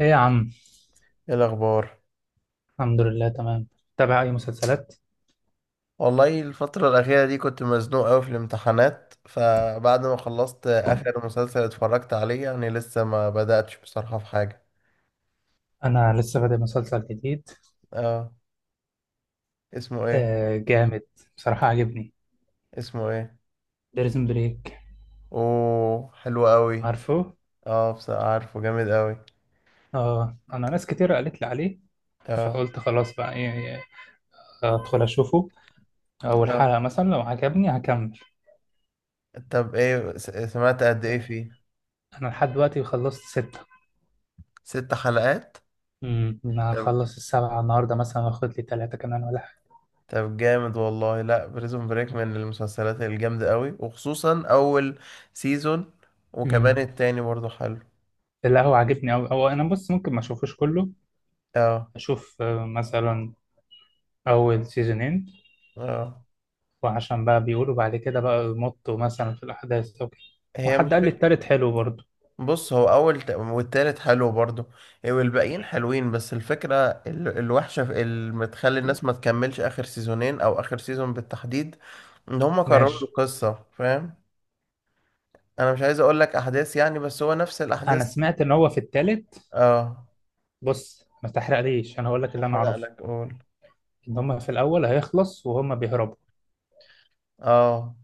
ايه يا عم. ايه الاخبار؟ الحمد لله، تمام. تابع اي مسلسلات؟ والله الفترة الأخيرة دي كنت مزنوق أوي في الامتحانات، فبعد ما خلصت آخر مسلسل اتفرجت عليه يعني لسه ما بدأتش بصراحة في حاجة. انا لسه بادئ مسلسل جديد. اه. اسمه ايه؟ آه، جامد. بصراحه عجبني. اسمه ايه؟ بريزون بريك. اوه حلو أوي. عارفه؟ اه، بصراحة عارفه جامد أوي. اه، انا ناس كتير قالت لي عليه، اه. فقلت خلاص بقى ايه. ادخل اشوفه. اول اه. حلقه مثلا لو عجبني هكمل. طب ايه، سمعت قد ايه فيه؟ انا لحد دلوقتي خلصت سته. 6 حلقات. انا طب هخلص السبعه النهارده، مثلا واخد لي ثلاثه كمان ولا حاجه. طب جامد والله، لا بريزون بريك من المسلسلات الجامدة أوي وخصوصا أول سيزون. امم. وكمان التاني برضه حلو. لا، هو عاجبني أوي هو. انا بص، ممكن ما اشوفوش كله. اه. اشوف مثلا اول سيزونين. اه. وعشان بقى بيقولوا بعد كده بقى يمطوا مثلا في الأحداث أو كده. هي مش وحد قال لي فكرة. التالت حلو برضه. بص، هو اول والتالت حلو برضو. إيه، والباقيين حلوين بس الفكرة الوحشة اللي بتخلي الناس ما تكملش اخر سيزونين او اخر سيزون بالتحديد، ان هم كرروا ماشي. القصة فاهم. انا مش عايز اقول لك احداث يعني، بس هو نفس أنا الاحداث. سمعت إن هو في التالت. اه. بص ما تحرقليش، أنا هقول لك مش اللي أنا هحرق أعرفه. لك، قول. إن هما في الأول هيخلص وهما بيهربوا اه.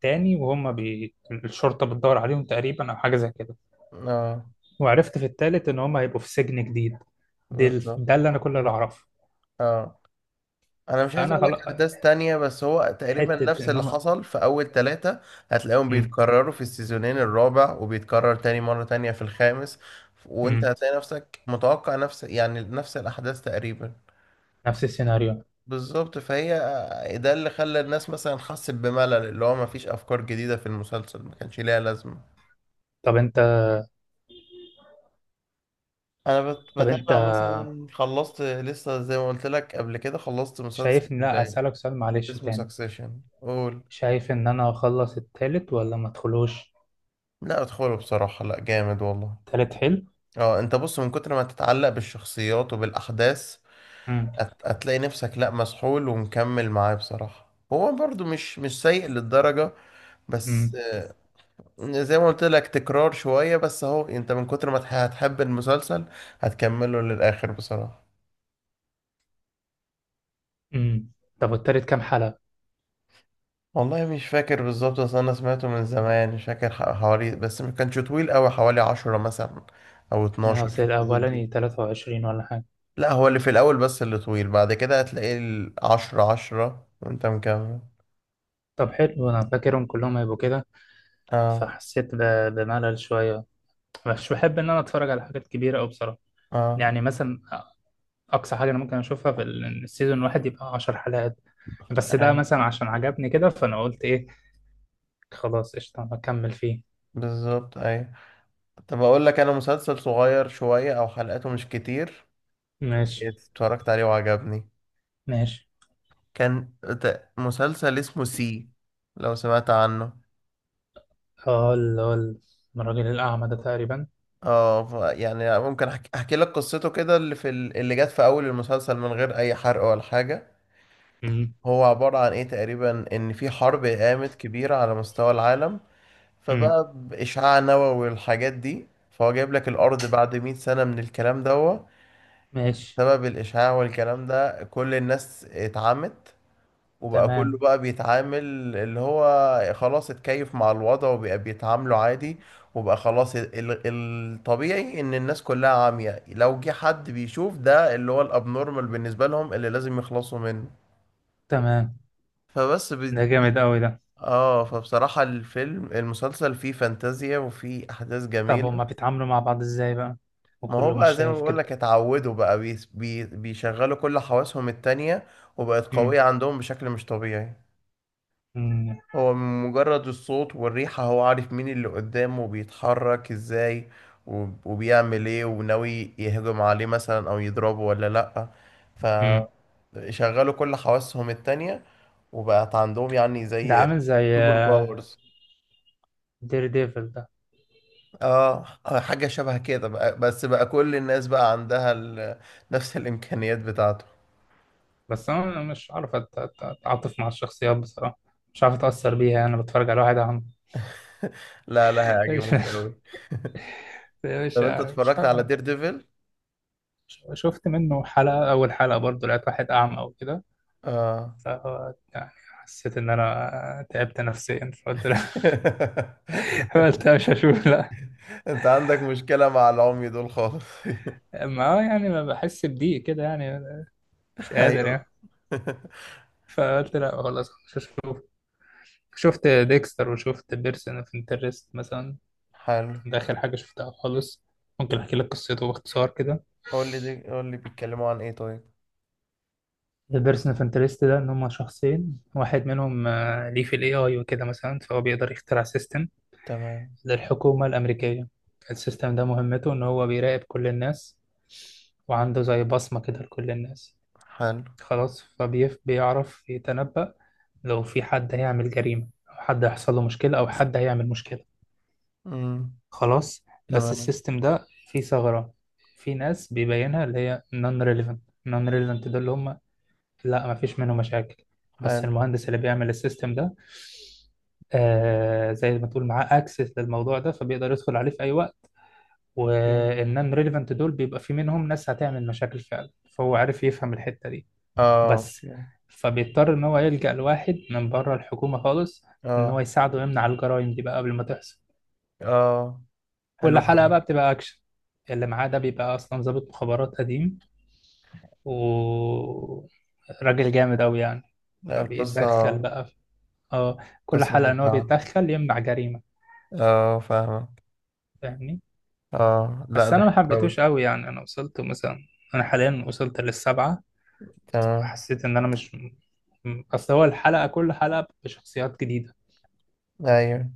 تاني. وهما الشرطة بتدور عليهم تقريبا أو حاجة زي كده. اه. وعرفت في التالت إن هما هيبقوا في سجن جديد. بالظبط. ده اللي أنا، كل اللي أعرفه. اه. انا مش عايز فأنا اقول خلاص. لك احداث تانية بس هو تقريبا حتة نفس إن اللي هما. حصل في اول 3. هتلاقيهم مم. بيتكرروا في السيزونين الرابع، وبيتكرر تاني مرة تانية في الخامس. وانت مم. هتلاقي نفسك متوقع نفس الاحداث تقريبا. نفس السيناريو. بالظبط، فهي ده اللي خلى الناس مثلا حست بملل، اللي هو مفيش افكار جديدة في المسلسل ما كانش ليها لازمة. طب أنت. انا طب أنت بتابع مثلا، خلصت لسه زي ما قلت لك قبل كده، خلصت مسلسل شايفني، لا أسألك سؤال معلش اسمه تاني. سكسيشن، قول. شايف ان انا اخلص التالت ولا ما ادخلوش؟ لا ادخله بصراحة، لا جامد والله. التالت حلو. اه انت بص، من كتر ما تتعلق بالشخصيات وبالاحداث امم. هتلاقي نفسك لا مسحول ومكمل معاه بصراحة. هو برضو مش سيء للدرجة، بس امم. زي ما قلت لك تكرار شوية، بس اهو انت من كتر ما هتحب المسلسل هتكمله للاخر بصراحة. امم. طب التالت كام حلقة؟ والله مش فاكر بالظبط، اصل انا سمعته من زمان مش فاكر، حوالي، بس ما كانش طويل قوي، حوالي 10 مثلا او يعني 12، اصل في الحدود الاولاني دي. 23 ولا حاجة. لا، هو اللي في الاول، بس اللي طويل بعد كده هتلاقيه 10 10 وانت مكمل. طب حلو، انا فاكرهم كلهم هيبقوا كده، اه. فحسيت بملل شوية. مش بحب ان انا اتفرج على حاجات كبيرة او بصراحة، اه. يعني مثلا اقصى حاجة انا ممكن اشوفها في السيزون الواحد يبقى 10 حلقات. بس اي، ده مثلا عشان عجبني كده، فانا قلت ايه، خلاص قشطة هكمل فيه. بالظبط. اي. طب اقول لك انا مسلسل صغير شوية او حلقاته مش كتير، ماشي. اتفرجت عليه وعجبني. ماشي. كان مسلسل اسمه سي، لو سمعت عنه. اه، اللي هو الراجل الاعمى ده تقريبا. اه، يعني ممكن أحكي لك قصته كده، اللي في اللي جت في اول المسلسل، من غير اي حرق ولا حاجة. هو عبارة عن ايه تقريبا، ان في حرب قامت كبيرة على مستوى العالم، امم. فبقى بإشعاع نووي والحاجات دي، فهو جايب لك الأرض بعد 100 سنة من الكلام ده. ماشي. سبب الإشاعة والكلام ده، كل الناس اتعمت، وبقى كله تمام. بقى بيتعامل اللي هو خلاص اتكيف مع الوضع، وبقى بيتعاملوا عادي. وبقى خلاص الطبيعي ان الناس كلها عامية، لو جه حد بيشوف ده اللي هو الابنورمال بالنسبة لهم اللي لازم يخلصوا منه. تمام. فبس. ده جامد قوي ده. اه، فبصراحة الفيلم المسلسل فيه فانتازيا وفيه احداث طب هما جميلة. بيتعاملوا مع بعض ازاي بقى؟ ما هو وكله بقى مش زي ما شايف بقول كده. لك اتعودوا، بقى بيس- بي بيشغلوا كل حواسهم التانية، وبقت امم. قوية عندهم بشكل مش طبيعي. امم. هو من مجرد الصوت والريحة هو عارف مين اللي قدامه وبيتحرك ازاي وبيعمل ايه، وناوي يهجم عليه مثلا او يضربه ولا لأ. امم. فشغلوا كل حواسهم التانية وبقت عندهم يعني ده زي عامل زي سوبر باورز. دير ديفل ده. اه، حاجة شبه كده بقى، بس بقى كل الناس بقى عندها نفس الإمكانيات بتاعته. بس انا مش عارف اتعاطف مع الشخصيات بصراحة. مش عارف اتأثر بيها، انا بتفرج على واحد عم. لا لا، مش. هيعجبوك قوي. مش. طب انت مش اتفرجت على هعمل- دير ديفل؟ شفت منه حلقة، اول حلقة برضو، لقيت واحد اعمى او كده، اه. ف يعني حسيت ان انا تعبت نفسيا، فقلت لا. قلت لا، مش هشوف. لا، انت عندك مشكلة مع العمي دول خالص. ما هو يعني ما بحس بضيق كده يعني، مش قادر ايوه. يعني، فقلت لا خلاص مش هشوف. شفت ديكستر وشفت بيرسون اوف انترست مثلا. حلو، ده اخر حاجه شفتها خالص. ممكن احكي لك قصته باختصار كده. قول لي دي، قول لي بيتكلموا عن ايه طيب. ده بيرسون اوف انترست ده ان هم شخصين، واحد منهم ليه في الاي اي وكده مثلا، فهو بيقدر يخترع سيستم تمام. للحكومه الامريكيه. السيستم ده مهمته ان هو بيراقب كل الناس، وعنده زي بصمه كده لكل الناس. حلو. خلاص فبيف بيعرف يتنبأ لو في حد هيعمل جريمة أو حد هيحصل له مشكلة أو حد هيعمل مشكلة. امم. خلاص بس تمام. السيستم ده فيه ثغرة. في ناس بيبينها اللي هي non relevant. non relevant ده اللي هم، لا مفيش منه مشاكل. بس حلو. المهندس اللي بيعمل السيستم ده، زي ما تقول معاه اكسس للموضوع ده، فبيقدر يدخل عليه في اي وقت. اوكي. والنون ريليفنت دول بيبقى في منهم ناس هتعمل مشاكل فعلا، فهو عارف يفهم الحتة دي. اه. بس اوكي. فبيضطر إن هو يلجأ لواحد من بره الحكومة خالص، إن هو اه. يساعده يمنع الجرائم دي بقى قبل ما تحصل. اه. كل حلو حلقة أوي. بقى بتبقى أكشن. اللي معاه ده بيبقى أصلا ضابط مخابرات قديم وراجل جامد أوي يعني. لا فبيتدخل القصة بقى في... اه، كل قصة حلقة إن هو ممتعة. بيتدخل يمنع جريمة. اه فاهمك. فاهمني. اه لا، بس ده أنا ما حلو قوي. حبيتوش أوي، يعني أنا وصلت مثلا، أنا حاليا وصلت للسبعة. تمام. حسيت إن أنا مش، أصل هو كل حلقة بشخصيات جديدة. ايوه،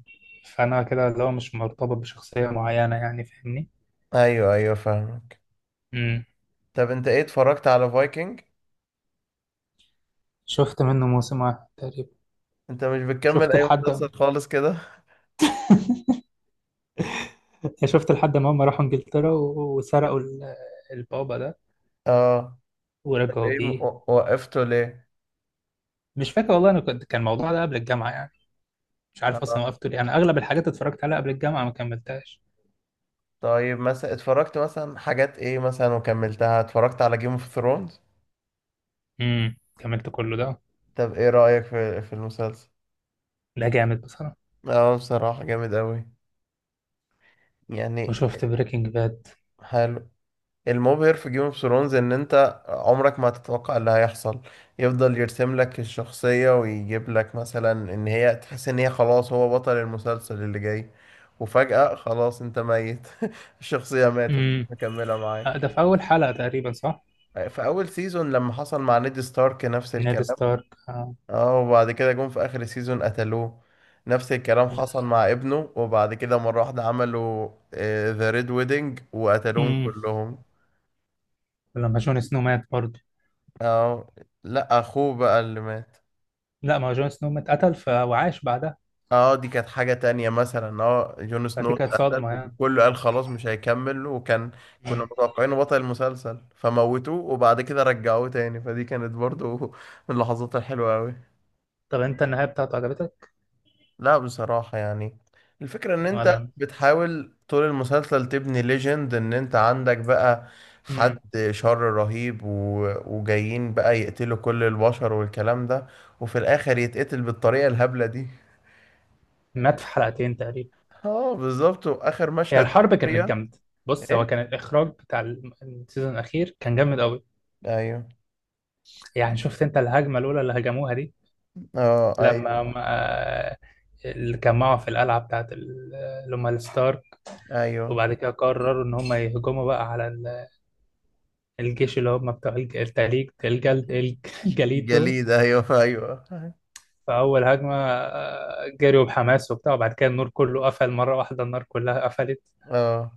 فانا كده اللي هو مش مرتبط بشخصية معينة، يعني فاهمني. ايوه، ايوه فاهمك. امم. طب انت ايه، اتفرجت على فايكنج؟ شفت منه موسم واحد تقريبا. انت مش بتكمل شفت اي لحد. مسلسل خالص كده. شفت لحد ما هم راحوا انجلترا وسرقوا البابا ده اه. طب ورجعوا ايه بيه. وقفته ليه؟ مش فاكر والله، انا كان الموضوع ده قبل الجامعة يعني، مش عارف اصلا اه. وقفته ليه، انا اغلب الحاجات اتفرجت عليها قبل الجامعة ما كملتهاش. طيب، مثلا اتفرجت مثلا حاجات ايه مثلا وكملتها؟ اتفرجت على جيم اوف ثرونز. امم، كملت كله ده. طب ايه رأيك في المسلسل؟ ده جامد بصراحة. اه بصراحة جامد قوي يعني. وشفت بريكنج باد. حلو. المبهر في جيم اوف ثرونز ان انت عمرك ما هتتوقع اللي هيحصل. يفضل يرسم لك الشخصية ويجيب لك مثلا ان هي تحس ان هي خلاص هو بطل المسلسل اللي جاي، وفجأة خلاص انت ميت الشخصية ماتت، امم. مكملة معاك. ده في اول حلقة تقريبا، صح؟ في اول سيزون لما حصل مع نيد ستارك نفس نيد الكلام. ستارك، آه. اه. وبعد كده جم في اخر سيزون قتلوه. نفس الكلام حصل مع ابنه، وبعد كده مرة واحدة عملوا ذا ريد ويدنج وقتلوهم امم. كلهم. لما جون سنو مات برضه. اه، لا اخوه بقى اللي مات. لا، ما هو جون سنو مات، قتل وعاش بعدها. اه دي كانت حاجة تانية مثلا. اه جون سنو فدي كانت اتقتل صدمة يعني. وكله قال خلاص مش هيكمل، وكان كنا مم. متوقعينه بطل المسلسل فموتوه، وبعد كده رجعوه تاني، فدي كانت برضو من اللحظات الحلوة أوي. طب انت النهاية بتاعته عجبتك لا بصراحة يعني، الفكرة ان انت ولا؟ بتحاول طول المسلسل تبني ليجند، ان انت عندك بقى حد مم. شر رهيب وجايين بقى يقتلوا كل البشر والكلام ده، وفي الاخر يتقتل بالطريقة الهبلة دي. مات في حلقتين تقريبا. اه بالظبط، واخر هي مشهد الحرب كانت اريا. جامدة. بص هو ايه. كان الإخراج بتاع السيزون الأخير كان جامد قوي. ايوه. يعني شفت انت الهجمة الأولى اللي هجموها دي؟ اه، ايوه، لما ما اللي كان معه في القلعة بتاعت اللي هم الستارك، ايوه. وبعد كده قرروا إن هم يهجموا بقى على الجيش اللي هم بتوع الج- التليج الجلد الجليد دول. الجليد، ايوه ايوه. فأول هجمة جريوا بحماس وبتاع، وبعد كده النور كله قفل مرة واحدة، النار كلها قفلت. اه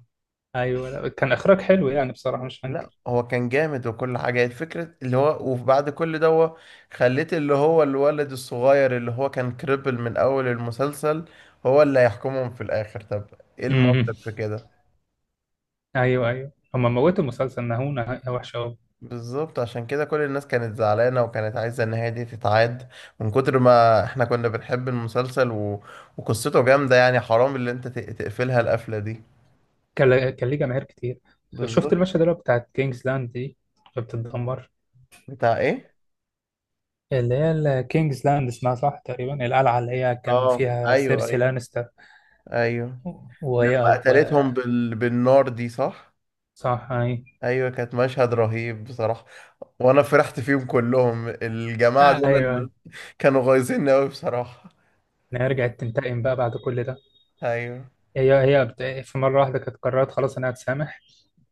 أيوة، لا، كان إخراج حلو يعني بصراحة مش هنكر. لا هو كان جامد وكل حاجه، الفكره اللي هو وبعد كل ده هو خليت اللي هو الولد الصغير اللي هو كان كريبل من اول المسلسل، هو اللي هيحكمهم في الاخر؟ طب ايه مم. المنطق في كده؟ أيوة أيوة، هما موتوا المسلسل، نهونا نهاية وحشة أوي. بالظبط، عشان كده كل الناس كانت زعلانة وكانت عايزة النهاية دي تتعاد، من كتر ما احنا كنا بنحب المسلسل وقصته جامدة يعني حرام اللي انت تقفلها القفلة دي. كان ليه جماهير كتير. شفت بالظبط. المشهد اللي هو بتاعت كينجز لاند دي اللي بتتدمر؟ بتاع ايه؟ اللي هي كينجز لاند، اسمها صح تقريبا، القلعة اللي هي كان اه فيها ايوه سيرسي ايوه. لانستر. ايوه وهي. لما و... قتلتهم بالنار دي صح؟ صح أيوة. ايوه كانت مشهد رهيب بصراحة، وانا فرحت فيهم كلهم، الجماعة دول اللي أيوة، كانوا غايزين قوي بصراحة. إن هي رجعت تنتقم بقى بعد كل ده. ايوه. هي في مرة واحدة كانت قررت خلاص أنا هتسامح،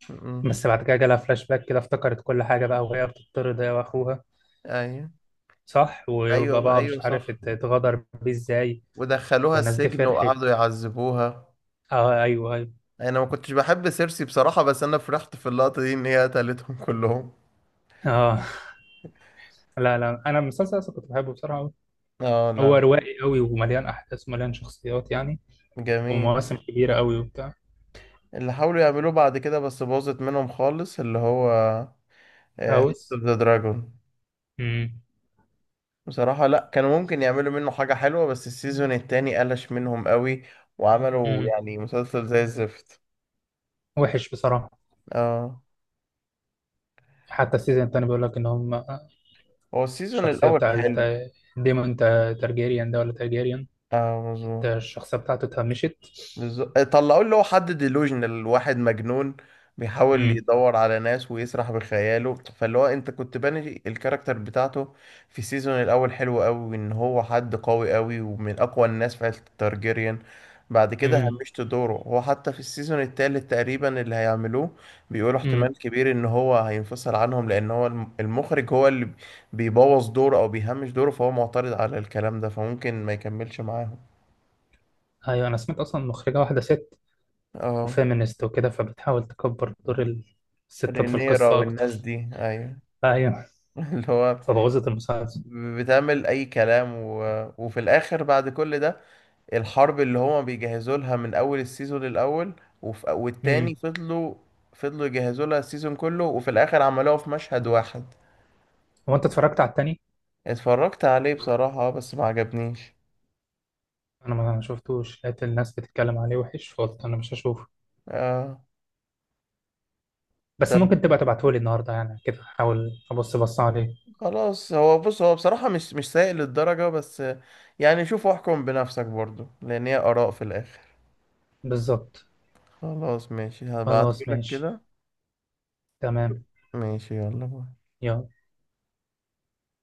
م- م. بس بعد كده جالها فلاش باك كده افتكرت كل حاجة بقى، وهي بتطرد هي وأخوها. ايوه صح، ايوه وباباها ايوه مش عارف صح، اتغدر بيه إزاي. ودخلوها والناس دي السجن فرحت. وقعدوا يعذبوها. أه أيوه أيوه. انا ما كنتش بحب سيرسي بصراحة، بس انا فرحت في اللقطة دي ان هي قتلتهم كلهم. أه. لا لا، أنا المسلسل أصلا كنت بحبه بصراحة أوي. اه. هو لا روائي أوي ومليان أحداث ومليان شخصيات يعني، جميل. ومواسم كبيرة أوي وبتاع. اللي حاولوا يعملوه بعد كده بس باظت منهم خالص، اللي هو هاوس هاوس. اوف ذا دراجون. أمم. بصراحة لا، كانوا ممكن يعملوا منه حاجة حلوة، بس السيزون التاني قلش منهم قوي وعملوا أمم. يعني مسلسل زي الزفت. وحش بصراحة. اه. حتى السيزون التاني بيقول لك إن هم هو السيزون الشخصية الاول بتاعت حلو. ديمون تارجيريان ده ولا تارجيريان. اه انت مظبوط. الشخصية بتاعته اتهمشت. بالظبط، طلعوا اللي هو حد ديلوجنال واحد مجنون، بيحاول امم. يدور على ناس ويسرح بخياله، فاللي هو انت كنت باني الكاركتر بتاعته في السيزون الاول حلو قوي، ان هو حد قوي قوي ومن اقوى الناس في عيلة التارجيريان. بعد كده امم. همشت دوره هو، حتى في السيزون التالت تقريبا اللي هيعملوه بيقولوا امم. احتمال كبير ان هو هينفصل عنهم، لان هو المخرج هو اللي بيبوظ دوره او بيهمش دوره، فهو معترض على الكلام ده فممكن ما يكملش معاهم. ايوه، انا سمعت اصلا مخرجة واحدة ست اه. وفيمينست وكده، فبتحاول تكبر دور الستات في رينيرا القصة والناس اكتر. دي ايوه. ايوه. اللي هو فبوظت المسلسل. بتعمل اي كلام وفي الاخر بعد كل ده، الحرب اللي هما بيجهزوا لها من اول السيزون الاول امم. والتاني، فضلوا يجهزوا لها السيزون كله، وفي الاخر عملوها في مشهد واحد. هو انت اتفرجت على التاني؟ اتفرجت عليه بصراحة، بس ما عجبنيش. انا ما شفتوش، لقيت الناس بتتكلم عليه وحش، فقلت انا مش هشوفه. آه... بس طب ممكن تبقى تبعتهولي النهاردة يعني، كده احاول ابص بص عليه. خلاص هو بص، هو بصراحة مش سيء للدرجة بس، يعني شوف واحكم بنفسك برضو لان هي اراء في الاخر. بالظبط. خلاص ماشي خلاص هبعتهولك ماشي. كده. تمام. ماشي يلا باي. يلا.